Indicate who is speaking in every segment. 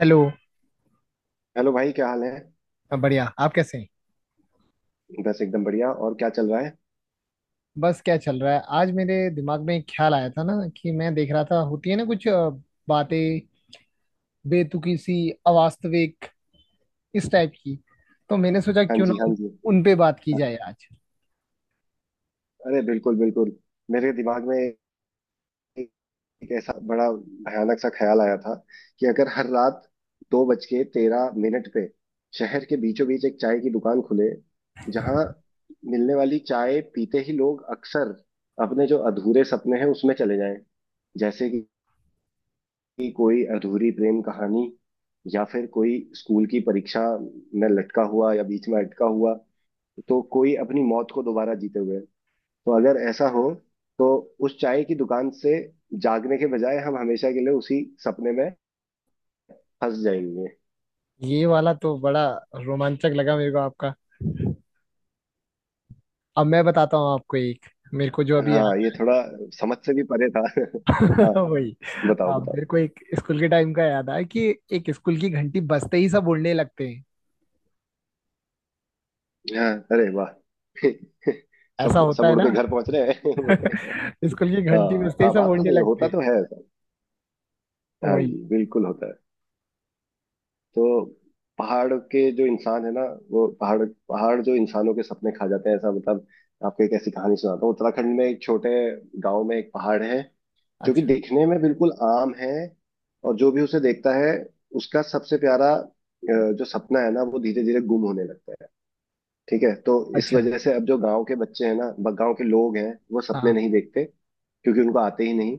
Speaker 1: Hello.
Speaker 2: Hello भाई, क्या हाल है।
Speaker 1: मैं बढ़िया। आप कैसे हैं?
Speaker 2: बस एकदम बढ़िया। और क्या चल रहा है।
Speaker 1: बस क्या चल रहा है। आज मेरे दिमाग में एक ख्याल आया था ना कि मैं देख रहा था, होती है ना कुछ बातें, बेतुकी सी, अवास्तविक, इस टाइप की, तो मैंने सोचा
Speaker 2: हाँ
Speaker 1: क्यों ना
Speaker 2: जी, हाँ
Speaker 1: उन,
Speaker 2: जी,
Speaker 1: उन पे बात की
Speaker 2: हाँ।
Speaker 1: जाए आज।
Speaker 2: अरे बिल्कुल बिल्कुल। मेरे दिमाग में एक एक ऐसा बड़ा भयानक सा ख्याल आया था कि अगर हर रात 2 बज के 13 मिनट पे शहर के बीचों बीच एक चाय की दुकान खुले, जहाँ मिलने वाली चाय पीते ही लोग अक्सर अपने जो अधूरे सपने हैं उसमें चले जाएं। जैसे कि कोई अधूरी प्रेम कहानी, या फिर कोई स्कूल की परीक्षा में लटका हुआ, या बीच में अटका हुआ, तो कोई अपनी मौत को दोबारा जीते हुए। तो अगर ऐसा हो, तो उस चाय की दुकान से जागने के बजाय हम हमेशा के लिए उसी सपने में फंस जाएंगे।
Speaker 1: ये वाला तो बड़ा रोमांचक लगा मेरे को आपका। अब मैं बताता हूँ आपको एक, मेरे को जो अभी याद
Speaker 2: हाँ, ये थोड़ा समझ से भी परे था। हाँ।
Speaker 1: वही।
Speaker 2: बताओ
Speaker 1: अब
Speaker 2: बताओ।
Speaker 1: मेरे को एक स्कूल के टाइम का याद आया कि एक स्कूल की घंटी बजते ही सब उड़ने लगते हैं।
Speaker 2: हाँ, अरे वाह।
Speaker 1: ऐसा
Speaker 2: सब
Speaker 1: होता
Speaker 2: सब
Speaker 1: है
Speaker 2: उड़
Speaker 1: ना।
Speaker 2: के घर पहुंच रहे हैं।
Speaker 1: स्कूल की घंटी
Speaker 2: हाँ
Speaker 1: बजते ही
Speaker 2: हाँ,
Speaker 1: सब
Speaker 2: बात तो
Speaker 1: उड़ने
Speaker 2: सही है,
Speaker 1: लगते
Speaker 2: होता
Speaker 1: हैं।
Speaker 2: तो है ऐसा। हाँ
Speaker 1: वही।
Speaker 2: जी, बिल्कुल होता है। तो पहाड़ के जो इंसान है ना, वो पहाड़ पहाड़ जो इंसानों के सपने खा जाते हैं, ऐसा मतलब। आपको एक ऐसी कहानी सुनाता हूँ। उत्तराखंड में एक छोटे गांव में एक पहाड़ है जो कि
Speaker 1: अच्छा
Speaker 2: दिखने में बिल्कुल आम है, और जो भी उसे देखता है उसका सबसे प्यारा जो सपना है ना वो धीरे धीरे गुम होने लगता है। ठीक है। तो इस
Speaker 1: अच्छा।
Speaker 2: वजह से अब जो गांव के बच्चे हैं ना, गांव के लोग हैं, वो सपने
Speaker 1: हाँ
Speaker 2: नहीं देखते क्योंकि उनको आते ही नहीं।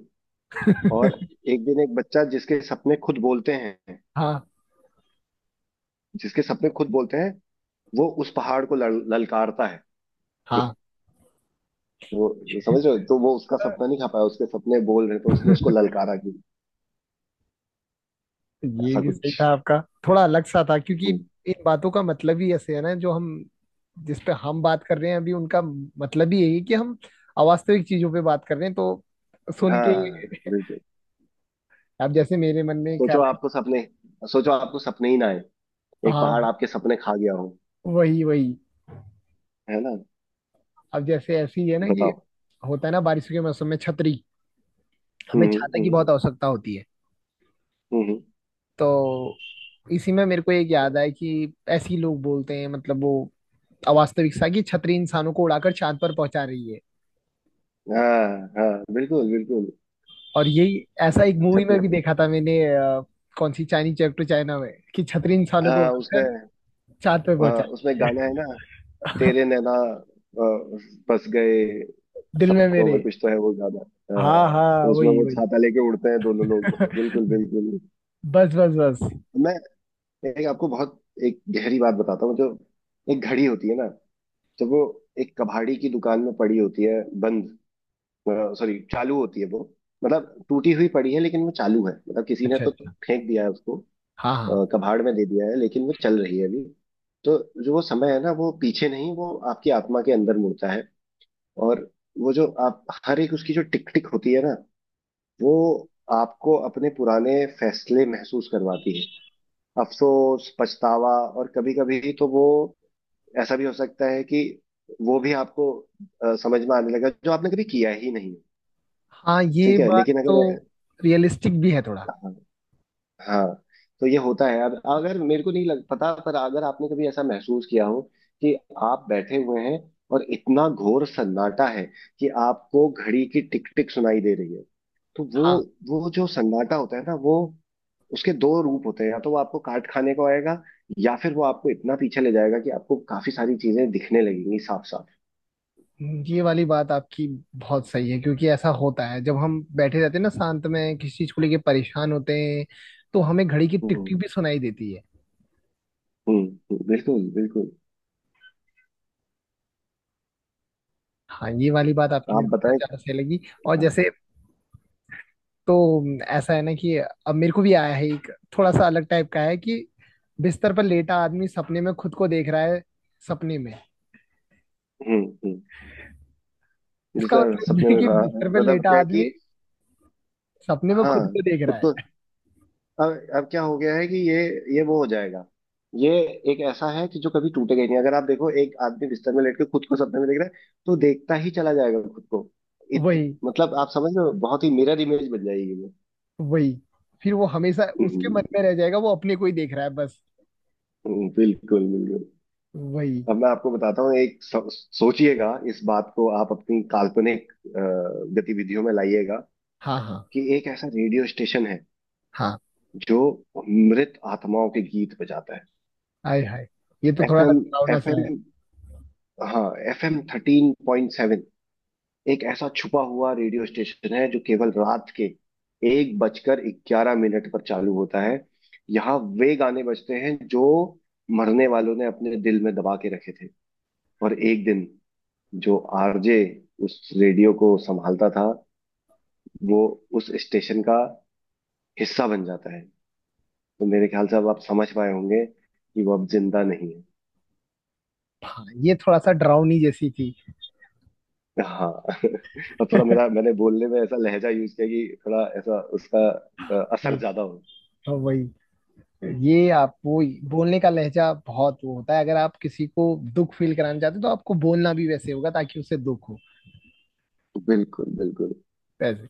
Speaker 2: और एक दिन एक बच्चा, जिसके सपने खुद बोलते हैं।
Speaker 1: हाँ
Speaker 2: जिसके सपने खुद बोलते हैं वो उस पहाड़ को ललकारता है।
Speaker 1: हाँ।
Speaker 2: वो समझ रहे हो, तो वो उसका सपना नहीं खा पाया, उसके सपने बोल रहे थे, उसने उसको ललकारा कि
Speaker 1: ये
Speaker 2: ऐसा
Speaker 1: भी सही
Speaker 2: कुछ।
Speaker 1: था आपका। थोड़ा अलग सा था क्योंकि
Speaker 2: हम्म,
Speaker 1: इन बातों का मतलब ही ऐसे है ना, जो हम, जिस पे हम बात कर रहे हैं अभी उनका मतलब ही यही है कि हम अवास्तविक चीजों पे बात कर रहे हैं, तो सुन के
Speaker 2: हाँ बिल्कुल।
Speaker 1: अब जैसे मेरे मन में
Speaker 2: सोचो
Speaker 1: ख्याल आया।
Speaker 2: आपको सपने सोचो आपको सपने ही ना आए। एक पहाड़
Speaker 1: हाँ
Speaker 2: आपके सपने खा गया हो।
Speaker 1: वही वही।
Speaker 2: है ना।
Speaker 1: अब जैसे ऐसे ही है ना कि
Speaker 2: बताओ।
Speaker 1: होता है ना बारिश के मौसम में छतरी, हमें
Speaker 2: हम्म
Speaker 1: छाता की
Speaker 2: हम्म
Speaker 1: बहुत आवश्यकता होती है।
Speaker 2: हम्म हम्म।
Speaker 1: तो इसी में मेरे को एक याद आया कि ऐसे ही लोग बोलते हैं, मतलब वो अवास्तविकता की छतरी इंसानों को उड़ाकर चांद पर पहुंचा रही है।
Speaker 2: हाँ हाँ, बिल्कुल बिल्कुल।
Speaker 1: और यही ऐसा
Speaker 2: हाँ,
Speaker 1: एक मूवी में
Speaker 2: छतरी।
Speaker 1: भी देखा था मैंने कौन सी चाइनीज चैप टू चाइना में, कि छतरी इंसानों को
Speaker 2: हाँ
Speaker 1: उड़ाकर
Speaker 2: उसमें।
Speaker 1: चांद पर
Speaker 2: हाँ,
Speaker 1: पहुंचा
Speaker 2: उसमें
Speaker 1: रही
Speaker 2: गाना है ना।
Speaker 1: है।
Speaker 2: तेरे नैना अ, बस गए।
Speaker 1: दिल में
Speaker 2: सबको
Speaker 1: मेरे।
Speaker 2: में कुछ तो है वो गाना। हाँ,
Speaker 1: हाँ हाँ
Speaker 2: तो उसमें
Speaker 1: वही
Speaker 2: वो
Speaker 1: वही।
Speaker 2: छाता लेके उड़ते हैं दोनों लोग। बिल्कुल बिल्कुल।
Speaker 1: बस बस बस।
Speaker 2: तो मैं एक आपको बहुत एक गहरी बात बताता हूँ, जो एक घड़ी होती है ना, जब वो एक कबाड़ी की दुकान में पड़ी होती है बंद, सॉरी चालू होती है वो। मतलब टूटी हुई पड़ी है, लेकिन वो चालू है, मतलब किसी ने
Speaker 1: अच्छा
Speaker 2: तो
Speaker 1: अच्छा।
Speaker 2: फेंक दिया है उसको,
Speaker 1: हाँ हाँ
Speaker 2: कबाड़ में दे दिया है, लेकिन वो चल रही है अभी। तो जो वो समय है ना, वो पीछे नहीं, वो आपकी आत्मा के अंदर मुड़ता है। और वो जो आप हर एक उसकी जो टिक टिक होती है ना, वो आपको अपने पुराने फैसले महसूस करवाती है। अफसोस, पछतावा। और कभी कभी तो वो ऐसा भी हो सकता है कि वो भी आपको समझ में आने लगा जो आपने कभी किया ही नहीं।
Speaker 1: हाँ। ये
Speaker 2: ठीक है
Speaker 1: बात
Speaker 2: लेकिन
Speaker 1: तो
Speaker 2: अगर,
Speaker 1: रियलिस्टिक भी है थोड़ा।
Speaker 2: हाँ हाँ, तो ये होता है। अब अगर मेरे को नहीं लग पता, पर अगर आपने कभी ऐसा महसूस किया हो कि आप बैठे हुए हैं और इतना घोर सन्नाटा है कि आपको घड़ी की टिक टिक सुनाई दे रही है, तो वो
Speaker 1: हाँ
Speaker 2: वो जो सन्नाटा होता है ना, वो उसके दो रूप होते हैं। या तो वो आपको काट खाने को आएगा, या फिर वो आपको इतना पीछे ले जाएगा कि आपको काफी सारी चीजें दिखने लगेंगी साफ साफ।
Speaker 1: ये वाली बात आपकी बहुत सही है क्योंकि ऐसा होता है जब हम बैठे रहते हैं ना शांत में, किसी चीज को लेके परेशान होते हैं, तो हमें घड़ी की टिक टिक
Speaker 2: हम्म
Speaker 1: भी सुनाई देती है।
Speaker 2: हम्म बिल्कुल बिल्कुल।
Speaker 1: हाँ ये वाली बात आपकी
Speaker 2: आप
Speaker 1: मेरे को बहुत
Speaker 2: बताएं।
Speaker 1: ज्यादा सही लगी। और
Speaker 2: हाँ,
Speaker 1: जैसे तो ऐसा है ना कि अब मेरे को भी आया है एक, थोड़ा सा अलग टाइप का है कि बिस्तर पर लेटा आदमी सपने में खुद को देख रहा है सपने में।
Speaker 2: हम्म,
Speaker 1: इसका
Speaker 2: जैसे
Speaker 1: मतलब ये
Speaker 2: सपने
Speaker 1: है
Speaker 2: में
Speaker 1: कि
Speaker 2: कहा,
Speaker 1: बिस्तर पर
Speaker 2: मतलब
Speaker 1: लेटा
Speaker 2: क्या है कि,
Speaker 1: आदमी सपने में खुद
Speaker 2: हाँ
Speaker 1: को देख
Speaker 2: खुद
Speaker 1: रहा
Speaker 2: को।
Speaker 1: है।
Speaker 2: अब क्या हो गया है कि ये वो हो जाएगा, ये एक ऐसा है कि जो कभी टूटेगा ही नहीं। अगर आप देखो एक आदमी बिस्तर में लेट के खुद को सपने में देख रहा है, तो देखता ही चला जाएगा खुद को। इत,
Speaker 1: वही
Speaker 2: मतलब आप समझ रहे हो, बहुत ही मिरर इमेज बन जाएगी वो।
Speaker 1: वही, फिर वो हमेशा
Speaker 2: हम्म,
Speaker 1: उसके मन में रह जाएगा, वो अपने को ही देख रहा है बस।
Speaker 2: बिल्कुल बिल्कुल।
Speaker 1: वही।
Speaker 2: अब मैं आपको बताता हूँ एक सोचिएगा इस बात को, आप अपनी काल्पनिक गतिविधियों में लाइएगा,
Speaker 1: हाँ हाँ
Speaker 2: कि एक ऐसा रेडियो स्टेशन है
Speaker 1: हाँ।
Speaker 2: जो मृत आत्माओं के गीत बजाता है।
Speaker 1: आय हाय, ये तो थोड़ा
Speaker 2: एफएम
Speaker 1: डरावना सा
Speaker 2: एफएम
Speaker 1: है।
Speaker 2: हाँ, एफ एम 13.7, एक ऐसा छुपा हुआ रेडियो स्टेशन है जो केवल रात के 1 बजकर 11 मिनट पर चालू होता है। यहाँ वे गाने बजते हैं जो मरने वालों ने अपने दिल में दबा के रखे थे। और एक दिन जो आरजे उस रेडियो को संभालता था, वो उस स्टेशन का हिस्सा बन जाता है। तो मेरे ख्याल से अब आप समझ पाए होंगे कि वो अब जिंदा नहीं है।
Speaker 1: हाँ ये थोड़ा सा डरावनी जैसी थी।
Speaker 2: हाँ। और थोड़ा मेरा मैंने बोलने में ऐसा लहजा यूज किया कि थोड़ा ऐसा उसका
Speaker 1: वही।
Speaker 2: असर ज्यादा हो।
Speaker 1: हाँ, वही। ये आप वो बोलने का लहजा बहुत वो होता है, अगर आप किसी को दुख फील कराना चाहते हो तो आपको बोलना भी वैसे होगा ताकि उसे दुख हो।
Speaker 2: बिल्कुल बिल्कुल।
Speaker 1: वैसे,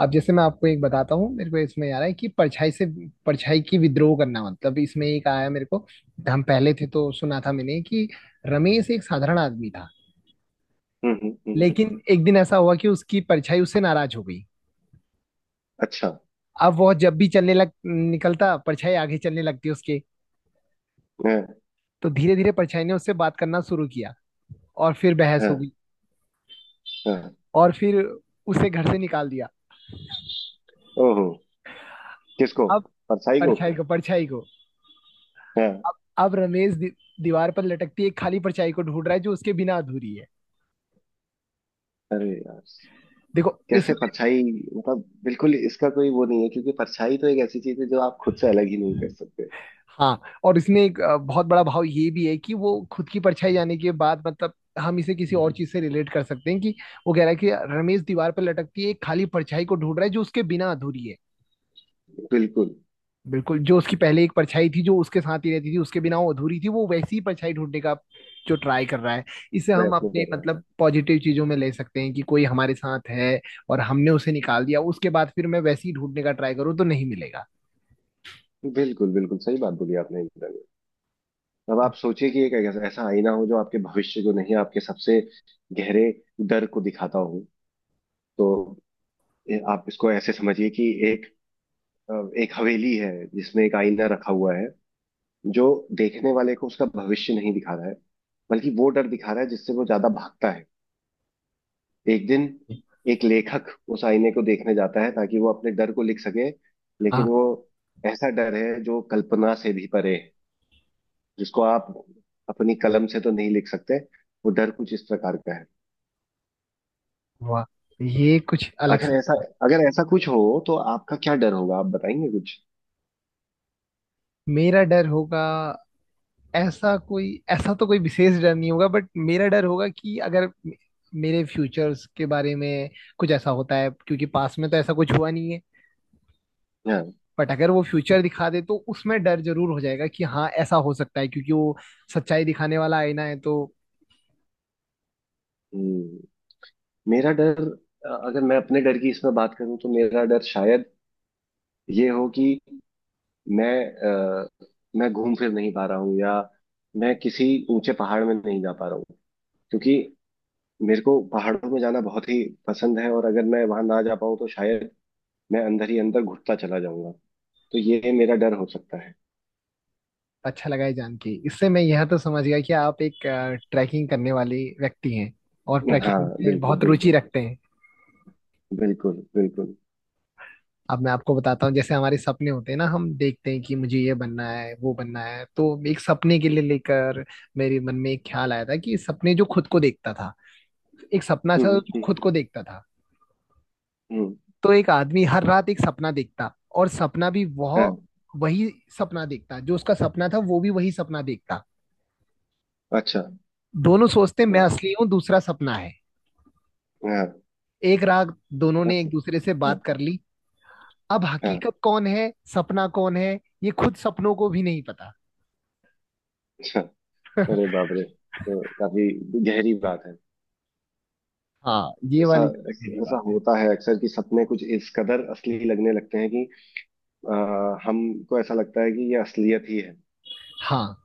Speaker 1: अब जैसे मैं आपको एक बताता हूँ, मेरे को इसमें आ रहा है कि परछाई से परछाई की विद्रोह करना, मतलब इसमें एक आया मेरे को। हम पहले थे तो सुना था मैंने कि रमेश एक साधारण आदमी था।
Speaker 2: हम्म हम्म हम्म।
Speaker 1: लेकिन एक दिन ऐसा हुआ कि उसकी परछाई उससे नाराज हो गई।
Speaker 2: अच्छा।
Speaker 1: अब वो जब भी चलने लग निकलता, परछाई आगे चलने लगती उसके।
Speaker 2: है।
Speaker 1: तो धीरे धीरे परछाई ने उससे बात करना शुरू किया और फिर बहस
Speaker 2: है।
Speaker 1: हो गई।
Speaker 2: है।
Speaker 1: और फिर उसे घर से निकाल दिया।
Speaker 2: ओहो। किसको।
Speaker 1: अब
Speaker 2: परछाई को।
Speaker 1: परछाई को। परछाई को।
Speaker 2: है।
Speaker 1: अब अब रमेश दीवार पर लटकती एक खाली परछाई को ढूंढ रहा है जो उसके बिना अधूरी है।
Speaker 2: अरे यार।
Speaker 1: देखो
Speaker 2: कैसे
Speaker 1: इसमें।
Speaker 2: परछाई, मतलब बिल्कुल इसका कोई वो नहीं है, क्योंकि परछाई तो एक ऐसी चीज है जो आप खुद से अलग ही नहीं कर सकते।
Speaker 1: हाँ, और इसमें एक बहुत बड़ा भाव ये भी है कि वो खुद की परछाई जाने के बाद, मतलब हम इसे किसी और चीज से रिलेट कर सकते हैं कि वो कह रहा है कि रमेश दीवार पर लटकती है एक खाली परछाई को ढूंढ रहा है जो उसके बिना अधूरी है।
Speaker 2: बिल्कुल।
Speaker 1: बिल्कुल, जो उसकी पहले एक परछाई थी जो उसके साथ ही रहती थी, उसके बिना वो अधूरी थी, वो वैसी ही परछाई ढूंढने का जो ट्राई कर रहा है। इससे हम
Speaker 2: प्रयत्न
Speaker 1: अपने
Speaker 2: कर रहा है।
Speaker 1: मतलब पॉजिटिव चीजों में ले सकते हैं कि कोई हमारे साथ है और हमने उसे निकाल दिया, उसके बाद फिर मैं वैसे ही ढूंढने का ट्राई करूँ तो नहीं मिलेगा।
Speaker 2: बिल्कुल बिल्कुल, सही बात बोली आपने एकदम। अब आप सोचिए कि एक ऐसा आईना हो जो आपके भविष्य को नहीं, आपके सबसे गहरे डर को दिखाता हो। तो आप इसको ऐसे समझिए कि एक अ, एक हवेली है जिसमें एक आईना रखा हुआ है, जो देखने वाले को उसका भविष्य नहीं दिखा रहा है, बल्कि वो डर दिखा रहा है जिससे वो ज्यादा भागता है। एक दिन एक लेखक उस आईने को देखने जाता है ताकि वो अपने डर को लिख सके, लेकिन
Speaker 1: हाँ।
Speaker 2: वो ऐसा डर है जो कल्पना से भी परे है, जिसको आप अपनी कलम से तो नहीं लिख सकते। वो डर कुछ इस प्रकार का है।
Speaker 1: वाह, ये कुछ अलग
Speaker 2: अगर ऐसा
Speaker 1: सा।
Speaker 2: अगर ऐसा कुछ हो, तो आपका क्या डर होगा। आप बताएंगे कुछ।
Speaker 1: मेरा डर होगा, ऐसा कोई, ऐसा तो कोई विशेष डर नहीं होगा, बट मेरा डर होगा कि अगर मेरे फ्यूचर्स के बारे में कुछ ऐसा होता है, क्योंकि पास में तो ऐसा कुछ हुआ नहीं है।
Speaker 2: हाँ।
Speaker 1: बट अगर वो फ्यूचर दिखा दे तो उसमें डर जरूर हो जाएगा कि हाँ ऐसा हो सकता है, क्योंकि वो सच्चाई दिखाने वाला आईना है तो।
Speaker 2: हम्म, मेरा डर, अगर मैं अपने डर की इसमें बात करूं, तो मेरा डर शायद ये हो कि मैं, अ, मैं घूम फिर नहीं पा रहा हूँ, या मैं किसी ऊंचे पहाड़ में नहीं जा पा रहा हूँ, क्योंकि मेरे को पहाड़ों में जाना बहुत ही पसंद है, और अगर मैं वहां ना जा पाऊँ तो शायद मैं अंदर ही अंदर घुटता चला जाऊंगा। तो ये मेरा डर हो सकता है।
Speaker 1: अच्छा लगा है जान के, इससे मैं यह तो समझ गया कि आप एक ट्रैकिंग करने वाले व्यक्ति हैं और ट्रैकिंग
Speaker 2: हाँ
Speaker 1: में
Speaker 2: बिल्कुल
Speaker 1: बहुत रुचि
Speaker 2: बिल्कुल।
Speaker 1: रखते हैं।
Speaker 2: बिल्कुल बिल्कुल।
Speaker 1: अब मैं आपको बताता हूँ, जैसे हमारे सपने होते हैं ना, हम देखते हैं कि मुझे ये बनना है वो बनना है, तो एक सपने के लिए लेकर मेरे मन में एक ख्याल आया था कि सपने जो खुद को देखता था, एक सपना
Speaker 2: हम्म
Speaker 1: था जो
Speaker 2: हम्म
Speaker 1: खुद को देखता था।
Speaker 2: हम्म।
Speaker 1: तो एक आदमी हर रात एक सपना देखता और सपना भी वह
Speaker 2: हाँ।
Speaker 1: वही सपना देखता, जो उसका सपना था वो भी वही सपना देखता।
Speaker 2: अच्छा।
Speaker 1: दोनों सोचते मैं
Speaker 2: वाह।
Speaker 1: असली हूँ, दूसरा सपना है।
Speaker 2: हाँ।
Speaker 1: एक रात दोनों ने
Speaker 2: बस,
Speaker 1: एक दूसरे से
Speaker 2: हाँ।
Speaker 1: बात कर ली। अब
Speaker 2: हाँ।
Speaker 1: हकीकत कौन है सपना कौन है, ये खुद सपनों को भी नहीं पता।
Speaker 2: अच्छा। अरे बाप रे, तो काफी गहरी बात है।
Speaker 1: हाँ, ये
Speaker 2: ऐसा
Speaker 1: वाली सबसे गहरी
Speaker 2: ऐसा
Speaker 1: बात है।
Speaker 2: होता है अक्सर कि सपने कुछ इस कदर असली लगने लगते हैं कि आ, हमको ऐसा लगता है कि ये असलियत ही है।
Speaker 1: हाँ,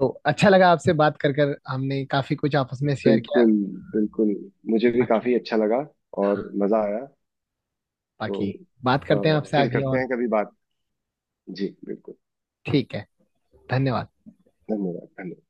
Speaker 1: तो अच्छा लगा आपसे बात कर कर, हमने काफी कुछ आपस में शेयर किया।
Speaker 2: बिल्कुल बिल्कुल। मुझे भी
Speaker 1: बाकी।
Speaker 2: काफी अच्छा लगा
Speaker 1: हाँ
Speaker 2: और मजा आया। तो
Speaker 1: बाकी, बात करते हैं आपसे
Speaker 2: फिर
Speaker 1: आगे
Speaker 2: करते
Speaker 1: और।
Speaker 2: हैं कभी बात। जी बिल्कुल।
Speaker 1: ठीक है। धन्यवाद।
Speaker 2: धन्यवाद धन्यवाद।